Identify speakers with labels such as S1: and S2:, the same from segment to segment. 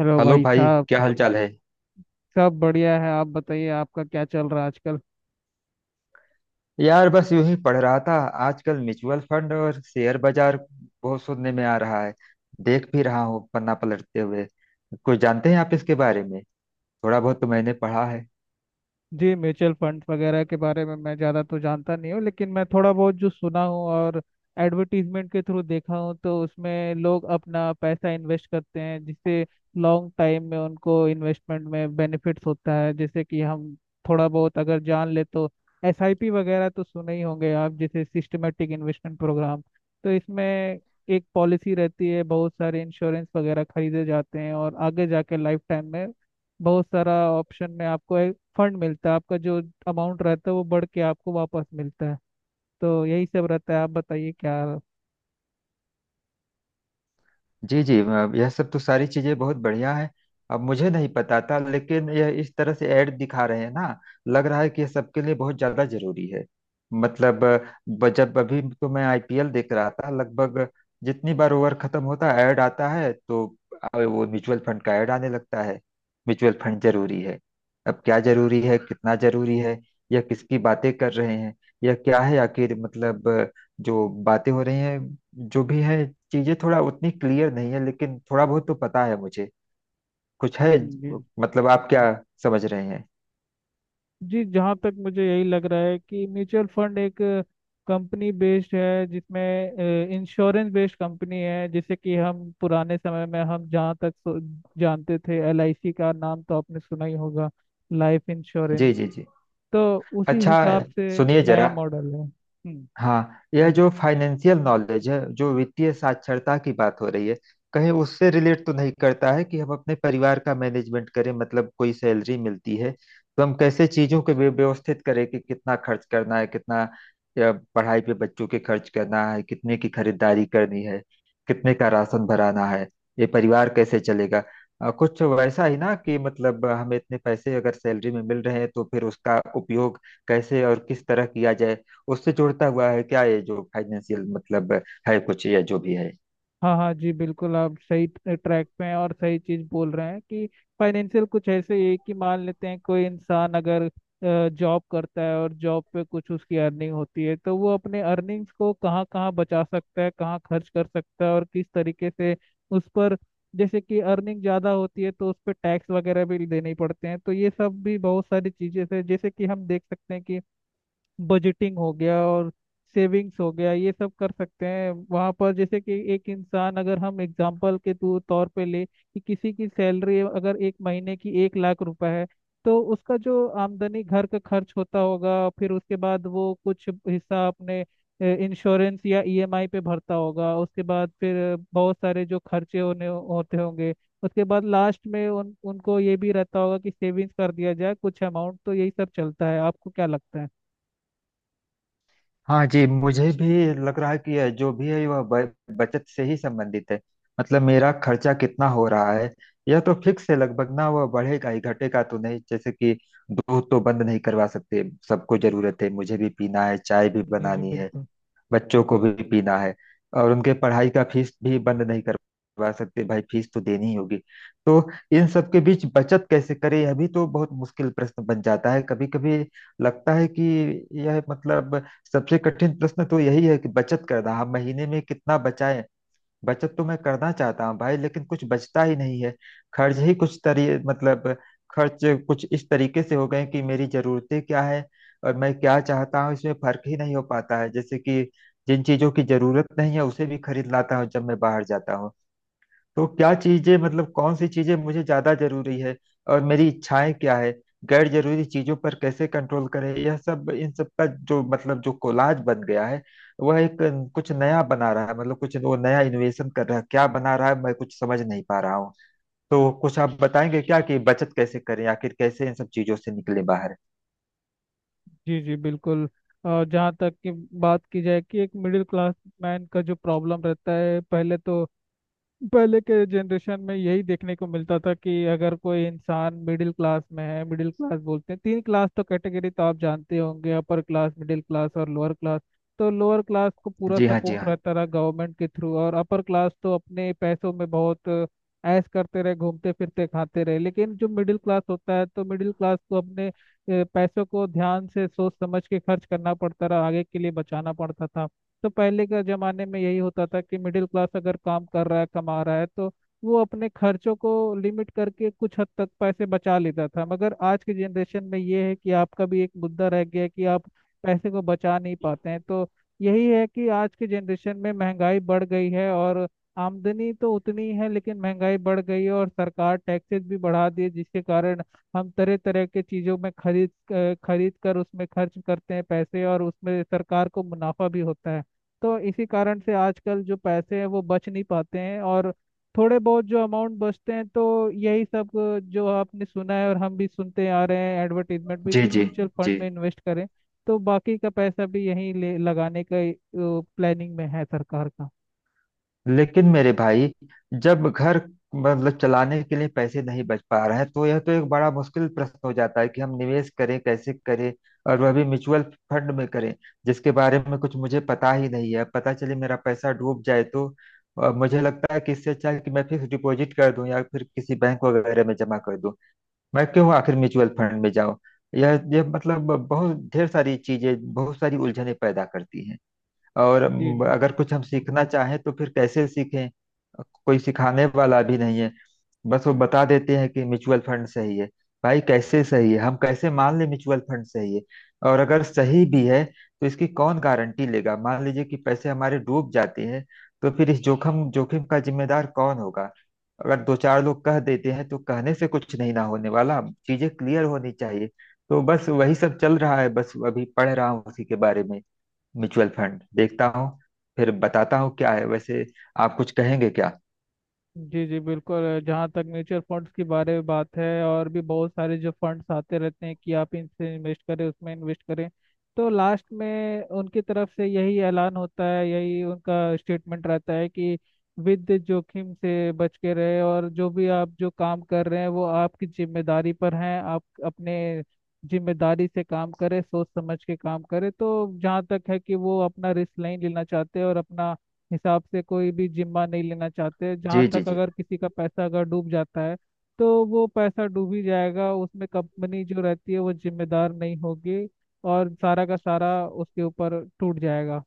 S1: Hello
S2: hello
S1: भाई
S2: भाई,
S1: साहब।
S2: क्या हाल चाल है?
S1: सब बढ़िया है। आप बताइए, आपका क्या चल रहा है आजकल।
S2: यार बस यूं ही पढ़ रहा था। आजकल म्यूचुअल फंड और शेयर बाजार बहुत सुनने में आ रहा है। देख भी रहा हूँ पन्ना पलटते हुए। कुछ जानते हैं आप इसके बारे में? थोड़ा बहुत तो मैंने पढ़ा है।
S1: जी, म्यूचुअल फंड वगैरह के बारे में मैं ज़्यादा तो जानता नहीं हूँ, लेकिन मैं थोड़ा बहुत जो सुना हूँ और एडवर्टीजमेंट के थ्रू देखा हूँ, तो उसमें लोग अपना पैसा इन्वेस्ट करते हैं, जिससे लॉन्ग टाइम में उनको इन्वेस्टमेंट में बेनिफिट्स होता है। जैसे कि हम थोड़ा बहुत अगर जान ले तो एसआईपी वगैरह तो सुने ही होंगे आप, जैसे सिस्टमेटिक इन्वेस्टमेंट प्रोग्राम। तो इसमें एक पॉलिसी रहती है, बहुत सारे इंश्योरेंस वगैरह खरीदे जाते हैं, और आगे जाके लाइफ टाइम में बहुत सारा ऑप्शन में आपको फंड मिलता है। आपका जो अमाउंट रहता है, वो बढ़ के आपको वापस मिलता है। तो यही सब रहता है, आप बताइए क्या।
S2: जी जी, यह सब तो सारी चीजें बहुत बढ़िया है। अब मुझे नहीं पता था, लेकिन यह इस तरह से ऐड दिखा रहे हैं ना, लग रहा है कि यह सबके लिए बहुत ज्यादा जरूरी है। मतलब जब अभी तो मैं IPL देख रहा था। लगभग जितनी बार ओवर खत्म होता है ऐड आता है, तो वो म्यूचुअल फंड का ऐड आने लगता है। म्यूचुअल फंड जरूरी है। अब क्या जरूरी है, कितना जरूरी है, यह किसकी बातें कर रहे हैं, यह क्या है आखिर? मतलब जो बातें हो रही हैं, जो भी है, चीजें थोड़ा उतनी क्लियर नहीं है, लेकिन थोड़ा बहुत तो पता है मुझे कुछ है।
S1: जी
S2: मतलब आप क्या समझ रहे हैं?
S1: जी। जहाँ तक मुझे यही लग रहा है कि म्यूचुअल फंड एक कंपनी बेस्ड है, जिसमें इंश्योरेंस बेस्ड कंपनी है, जैसे कि हम पुराने समय में हम जहाँ तक जानते थे एलआईसी का नाम तो आपने सुना ही होगा, लाइफ इंश्योरेंस।
S2: जी जी जी।
S1: तो उसी
S2: अच्छा,
S1: हिसाब से
S2: सुनिए
S1: नया
S2: जरा।
S1: मॉडल है। हम्म।
S2: हाँ, यह जो फाइनेंशियल नॉलेज है, जो वित्तीय साक्षरता की बात हो रही है, कहीं उससे रिलेट तो नहीं करता है कि हम अपने परिवार का मैनेजमेंट करें? मतलब कोई सैलरी मिलती है, तो हम कैसे चीजों को व्यवस्थित करें कि कितना खर्च करना है, कितना पढ़ाई पे बच्चों के खर्च करना है, कितने की खरीदारी करनी है, कितने का राशन भराना है, ये परिवार कैसे चलेगा। कुछ वैसा ही ना, कि मतलब हमें इतने पैसे अगर सैलरी में मिल रहे हैं तो फिर उसका उपयोग कैसे और किस तरह किया जाए। उससे जुड़ता हुआ है क्या ये जो फाइनेंशियल, मतलब है कुछ या जो भी है।
S1: हाँ हाँ जी, बिल्कुल आप सही ट्रैक पे हैं और सही चीज बोल रहे हैं कि फाइनेंशियल कुछ ऐसे ही है कि मान लेते हैं कोई इंसान अगर जॉब करता है और जॉब पे कुछ उसकी अर्निंग होती है, तो वो अपने अर्निंग्स को कहाँ कहाँ बचा सकता है, कहाँ खर्च कर सकता है, और किस तरीके से उस पर। जैसे कि अर्निंग ज़्यादा होती है तो उस पर टैक्स वगैरह भी देने पड़ते हैं, तो ये सब भी बहुत सारी चीज़ें हैं। जैसे कि हम देख सकते हैं कि बजटिंग हो गया और सेविंग्स हो गया, ये सब कर सकते हैं वहाँ पर। जैसे कि एक इंसान, अगर हम एग्जाम्पल के तौर तौर पे ले कि किसी की सैलरी अगर एक महीने की 1 लाख रुपए है, तो उसका जो आमदनी घर का खर्च होता होगा, फिर उसके बाद वो कुछ हिस्सा अपने इंश्योरेंस या ईएमआई पे भरता होगा, उसके बाद फिर बहुत सारे जो खर्चे होने होते होंगे, उसके बाद लास्ट में उन उनको ये भी रहता होगा कि सेविंग्स कर दिया जाए कुछ अमाउंट। तो यही सब चलता है, आपको क्या लगता है।
S2: हाँ जी, मुझे भी लग रहा है कि यह जो भी है वह बचत से ही संबंधित है। मतलब मेरा खर्चा कितना हो रहा है, यह तो फिक्स है लगभग ना, वह बढ़ेगा ही, घटेगा तो नहीं। जैसे कि दूध तो बंद नहीं करवा सकते, सबको जरूरत है, मुझे भी पीना है, चाय भी
S1: जी जी
S2: बनानी है,
S1: बिल्कुल।
S2: बच्चों को भी पीना है। और उनके पढ़ाई का फीस भी बंद नहीं करवा सकते भाई, फीस तो देनी ही होगी। तो इन सब के बीच बचत कैसे करें, यह भी तो बहुत मुश्किल प्रश्न बन जाता है। कभी कभी लगता है कि यह मतलब सबसे कठिन प्रश्न तो यही है कि बचत करना, हम महीने में कितना बचाएं। बचत तो मैं करना चाहता हूँ भाई, लेकिन कुछ बचता ही नहीं है। खर्च ही कुछ तरी, मतलब खर्च कुछ इस तरीके से हो गए कि मेरी जरूरतें क्या है और मैं क्या चाहता हूँ इसमें फर्क ही नहीं हो पाता है। जैसे कि जिन चीजों की जरूरत नहीं है उसे भी खरीद लाता हूँ जब मैं बाहर जाता हूँ। तो क्या चीजें, मतलब कौन सी चीजें मुझे ज्यादा जरूरी है और मेरी इच्छाएं क्या है, गैर जरूरी चीजों पर कैसे कंट्रोल करें, यह सब, इन सब का जो मतलब जो कोलाज बन गया है, वह एक कुछ नया बना रहा है। मतलब कुछ वो नया इनोवेशन कर रहा है, क्या बना रहा है, मैं कुछ समझ नहीं पा रहा हूँ। तो कुछ आप बताएंगे क्या कि बचत कैसे करें आखिर, कैसे इन सब चीजों से निकले बाहर?
S1: जी जी बिल्कुल। और जहाँ तक कि बात की जाए कि एक मिडिल क्लास मैन का जो प्रॉब्लम रहता है, पहले तो पहले के जनरेशन में यही देखने को मिलता था कि अगर कोई इंसान मिडिल क्लास में है। मिडिल क्लास बोलते हैं तीन क्लास, तो कैटेगरी तो आप जानते होंगे, अपर क्लास, मिडिल क्लास और लोअर क्लास। तो लोअर क्लास को पूरा
S2: जी हाँ जी
S1: सपोर्ट
S2: हाँ।
S1: रहता रहा गवर्नमेंट के थ्रू, और अपर क्लास तो अपने पैसों में बहुत ऐश करते रहे, घूमते फिरते खाते रहे, लेकिन जो मिडिल क्लास होता है, तो मिडिल क्लास को अपने पैसों को ध्यान से सोच समझ के खर्च करना पड़ता रहा, आगे के लिए बचाना पड़ता था। तो पहले के जमाने में यही होता था कि मिडिल क्लास अगर काम कर रहा है, कमा रहा है, तो वो अपने खर्चों को लिमिट करके कुछ हद तक पैसे बचा लेता था। मगर आज के जनरेशन में ये है कि आपका भी एक मुद्दा रह गया है कि आप पैसे को बचा नहीं पाते हैं। तो यही है कि आज के जनरेशन में महंगाई बढ़ गई है, और आमदनी तो उतनी है लेकिन महंगाई बढ़ गई है, और सरकार टैक्सेस भी बढ़ा दिए, जिसके कारण हम तरह तरह के चीज़ों में खरीद खरीद कर उसमें खर्च करते हैं पैसे, और उसमें सरकार को मुनाफा भी होता है। तो इसी कारण से आजकल जो पैसे हैं वो बच नहीं पाते हैं, और थोड़े बहुत जो अमाउंट बचते हैं, तो यही सब जो आपने सुना है और हम भी सुनते आ रहे हैं एडवर्टीजमेंट भी
S2: जी
S1: कि
S2: जी
S1: म्यूचुअल
S2: जी।
S1: फंड में इन्वेस्ट करें। तो बाकी का पैसा भी यहीं ले लगाने का प्लानिंग में है सरकार का।
S2: लेकिन मेरे भाई, जब घर मतलब चलाने के लिए पैसे नहीं बच पा रहे हैं, तो यह तो एक बड़ा मुश्किल प्रश्न हो जाता है कि हम निवेश करें, कैसे करें, और वह भी म्यूचुअल फंड में करें, जिसके बारे में कुछ मुझे पता ही नहीं है। पता चले मेरा पैसा डूब जाए तो मुझे लगता है कि इससे अच्छा है कि मैं फिक्स डिपॉजिट कर दूं या फिर किसी बैंक वगैरह में जमा कर दूं। मैं क्यों आखिर म्यूचुअल फंड में जाऊं? यह मतलब बहुत ढेर सारी चीजें, बहुत सारी उलझनें पैदा करती है। और
S1: जी जी
S2: अगर कुछ हम सीखना चाहें तो फिर कैसे सीखें? कोई सिखाने वाला भी नहीं है। बस वो बता देते हैं कि म्यूचुअल फंड सही है। भाई, कैसे सही है, हम कैसे मान लें म्यूचुअल फंड सही है? और अगर सही भी है तो इसकी कौन गारंटी लेगा? मान लीजिए कि पैसे हमारे डूब जाते हैं, तो फिर इस जोखिम जोखिम का जिम्मेदार कौन होगा? अगर दो चार लोग कह देते हैं, तो कहने से कुछ नहीं ना होने वाला। चीजें क्लियर होनी चाहिए। तो बस वही सब चल रहा है, बस अभी पढ़ रहा हूँ उसी के बारे में। म्यूचुअल फंड देखता हूँ, फिर बताता हूँ क्या है। वैसे आप कुछ कहेंगे क्या?
S1: जी। जी बिल्कुल। जहाँ तक म्यूचुअल फंड्स के बारे में बात है, और भी बहुत सारे जो फंड्स आते रहते हैं कि आप इनसे इन्वेस्ट करें, उसमें इन्वेस्ट करें, तो लास्ट में उनकी तरफ से यही ऐलान होता है, यही उनका स्टेटमेंट रहता है कि विद जोखिम से बच के रहे, और जो भी आप जो काम कर रहे हैं वो आपकी जिम्मेदारी पर हैं, आप अपने जिम्मेदारी से काम करें, सोच समझ के काम करें। तो जहाँ तक है कि वो अपना रिस्क नहीं लेना चाहते और अपना हिसाब से कोई भी जिम्मा नहीं लेना चाहते, जहाँ
S2: जी जी
S1: तक
S2: जी।
S1: अगर किसी का पैसा अगर डूब जाता है, तो वो पैसा डूब ही जाएगा, उसमें कंपनी जो रहती है वो जिम्मेदार नहीं होगी, और सारा का सारा उसके ऊपर टूट जाएगा।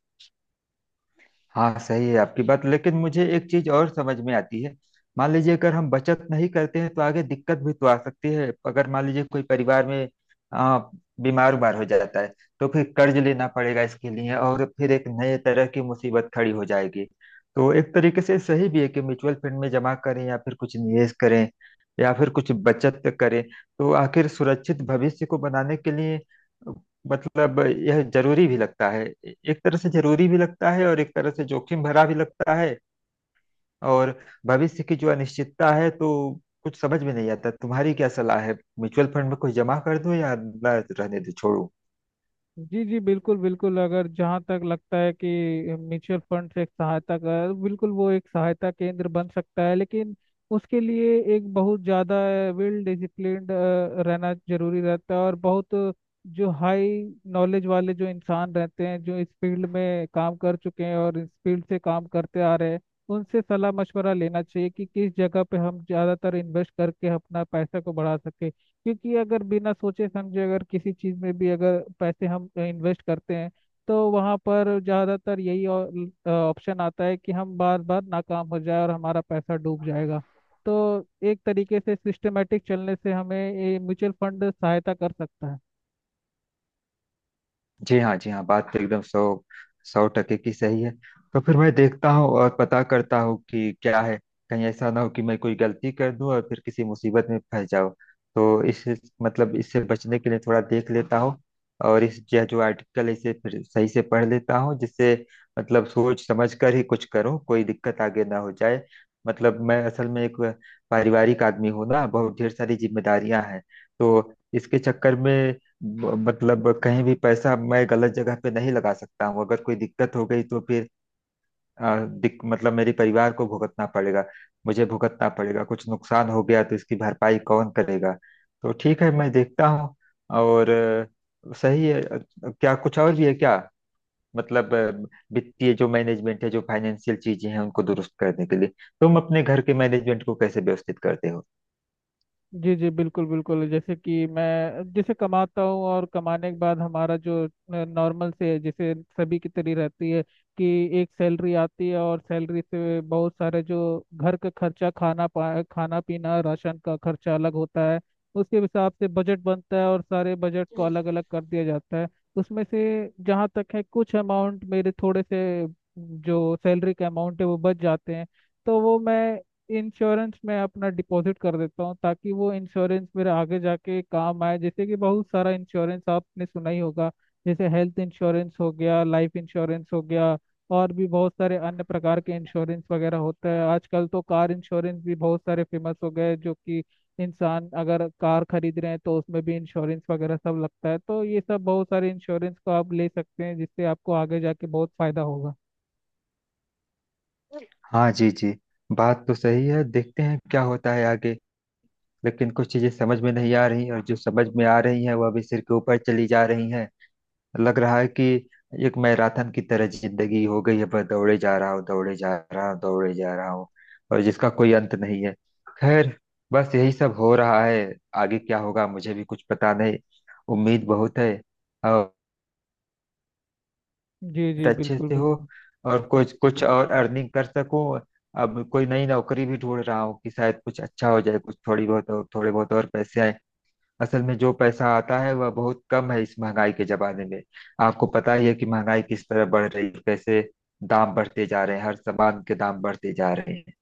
S2: हाँ, सही है आपकी बात, लेकिन मुझे एक चीज और समझ में आती है। मान लीजिए अगर हम बचत नहीं करते हैं तो आगे दिक्कत भी तो आ सकती है। अगर मान लीजिए कोई परिवार में आ, बीमार उमार हो जाता है तो फिर कर्ज लेना पड़ेगा इसके लिए, और फिर एक नए तरह की मुसीबत खड़ी हो जाएगी। तो एक तरीके से सही भी है कि म्यूचुअल फंड में जमा करें या फिर कुछ निवेश करें या फिर कुछ बचत करें। तो आखिर सुरक्षित भविष्य को बनाने के लिए मतलब यह जरूरी भी लगता है, एक तरह से जरूरी भी लगता है, और एक तरह से जोखिम भरा भी लगता है। और भविष्य की जो अनिश्चितता है, तो कुछ समझ में नहीं आता। तुम्हारी क्या सलाह है, म्यूचुअल फंड में कुछ जमा कर दूं या ना, रहने दूं, छोड़ूं?
S1: जी जी बिल्कुल बिल्कुल। अगर जहाँ तक लगता है कि म्यूचुअल फंड एक सहायता का है, बिल्कुल वो एक सहायता केंद्र बन सकता है, लेकिन उसके लिए एक बहुत ज़्यादा वेल डिसिप्लिन्ड रहना जरूरी रहता है, और बहुत जो हाई नॉलेज वाले जो इंसान रहते हैं, जो इस फील्ड में काम कर चुके हैं और इस फील्ड से काम करते आ रहे हैं, उनसे सलाह मशवरा लेना चाहिए कि किस जगह पे हम ज़्यादातर इन्वेस्ट करके अपना पैसा को बढ़ा सके। क्योंकि अगर बिना सोचे समझे अगर किसी चीज़ में भी अगर पैसे हम इन्वेस्ट करते हैं, तो वहाँ पर ज़्यादातर यही ऑप्शन आता है कि हम बार बार नाकाम हो जाए और हमारा पैसा डूब जाएगा। तो एक तरीके से सिस्टमेटिक चलने से हमें ये म्यूचुअल फंड सहायता कर सकता है।
S2: जी हाँ जी हाँ। बात तो एकदम सौ सौ टके की सही है। तो फिर मैं देखता हूँ और पता करता हूँ कि क्या है। कहीं ऐसा ना हो कि मैं कोई गलती कर दूँ और फिर किसी मुसीबत में फंस जाऊँ। तो इस, मतलब इससे बचने के लिए थोड़ा देख लेता हूँ। और इस यह जो आर्टिकल है इसे फिर सही से पढ़ लेता हूँ, जिससे मतलब सोच समझ कर ही कुछ करूँ, कोई दिक्कत आगे ना हो जाए। मतलब मैं असल में एक पारिवारिक आदमी हूँ ना, बहुत ढेर सारी जिम्मेदारियां हैं। तो इसके चक्कर में मतलब कहीं भी पैसा मैं गलत जगह पे नहीं लगा सकता हूँ। अगर कोई दिक्कत हो गई तो फिर मतलब मेरे परिवार को भुगतना पड़ेगा, मुझे भुगतना पड़ेगा। कुछ नुकसान हो गया तो इसकी भरपाई कौन करेगा? तो ठीक है, मैं देखता हूँ। और सही है। क्या कुछ और भी है क्या? मतलब वित्तीय जो मैनेजमेंट है, जो फाइनेंशियल चीजें हैं, उनको दुरुस्त करने के लिए तुम अपने घर के मैनेजमेंट को कैसे व्यवस्थित करते हो?
S1: जी जी बिल्कुल बिल्कुल। जैसे कि मैं, जैसे कमाता हूँ और कमाने के बाद हमारा जो नॉर्मल से है जैसे सभी की तरह रहती है कि एक सैलरी आती है, और सैलरी से बहुत सारे जो घर का खर्चा, खाना पीना, राशन का खर्चा अलग होता है। उसके हिसाब से बजट बनता है, और सारे बजट को अलग अलग कर दिया जाता है। उसमें से जहाँ तक है कुछ अमाउंट मेरे थोड़े से जो सैलरी का अमाउंट है वो बच जाते हैं। तो वो मैं इंश्योरेंस में अपना डिपॉजिट कर देता हूँ, ताकि वो इंश्योरेंस मेरे आगे जाके काम आए। जैसे कि बहुत सारा इंश्योरेंस आपने सुना ही होगा, जैसे हेल्थ इंश्योरेंस हो गया, लाइफ इंश्योरेंस हो गया, और भी बहुत सारे अन्य प्रकार के इंश्योरेंस वगैरह होता है। आजकल तो कार इंश्योरेंस भी बहुत सारे फेमस हो गए, जो कि इंसान अगर कार खरीद रहे हैं तो उसमें भी इंश्योरेंस वगैरह सब लगता है। तो ये सब बहुत सारे इंश्योरेंस को आप ले सकते हैं, जिससे आपको आगे जाके बहुत फायदा होगा।
S2: हाँ जी जी, बात तो सही है। देखते हैं क्या होता है आगे। लेकिन कुछ चीजें समझ में नहीं आ रही, और जो समझ में आ रही हैं वह भी सिर के ऊपर चली जा रही हैं। लग रहा है कि एक मैराथन की तरह जिंदगी हो गई है, बस दौड़े जा रहा हूँ, दौड़े जा रहा हूँ, दौड़े जा रहा हूँ, और जिसका कोई अंत नहीं है। खैर, बस यही सब हो रहा है। आगे क्या होगा मुझे भी कुछ पता नहीं। उम्मीद बहुत है, और
S1: जी जी
S2: अच्छे
S1: बिल्कुल
S2: से हो,
S1: बिल्कुल।
S2: और कुछ कुछ और अर्निंग कर सकूं। अब कोई नई नौकरी भी ढूंढ रहा हूँ कि शायद कुछ अच्छा हो जाए, कुछ थोड़ी बहुत और, थोड़े बहुत और पैसे आए। असल में जो पैसा आता है वह बहुत कम है इस महंगाई के जमाने में। आपको पता ही है कि महंगाई किस तरह बढ़ रही है, कैसे दाम बढ़ते जा रहे हैं, हर सामान के दाम बढ़ते जा रहे हैं।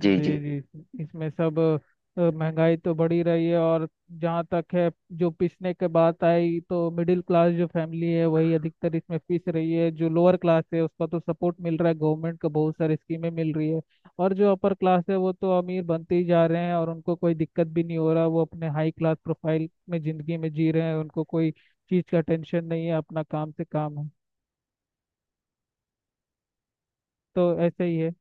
S2: जी
S1: जी
S2: जी।
S1: जी, इसमें सब महंगाई तो बढ़ी रही है। और जहाँ तक है, जो पिसने के बात आई, तो मिडिल क्लास जो फैमिली है वही अधिकतर इसमें पिस रही है। जो लोअर क्लास है उसका तो सपोर्ट मिल रहा है गवर्नमेंट का, बहुत सारी स्कीमें मिल रही है। और जो अपर क्लास है वो तो अमीर बनते ही जा रहे हैं, और उनको कोई दिक्कत भी नहीं हो रहा, वो अपने हाई क्लास प्रोफाइल में जिंदगी में जी रहे हैं, उनको कोई चीज़ का टेंशन नहीं है, अपना काम से काम है। तो ऐसे ही है।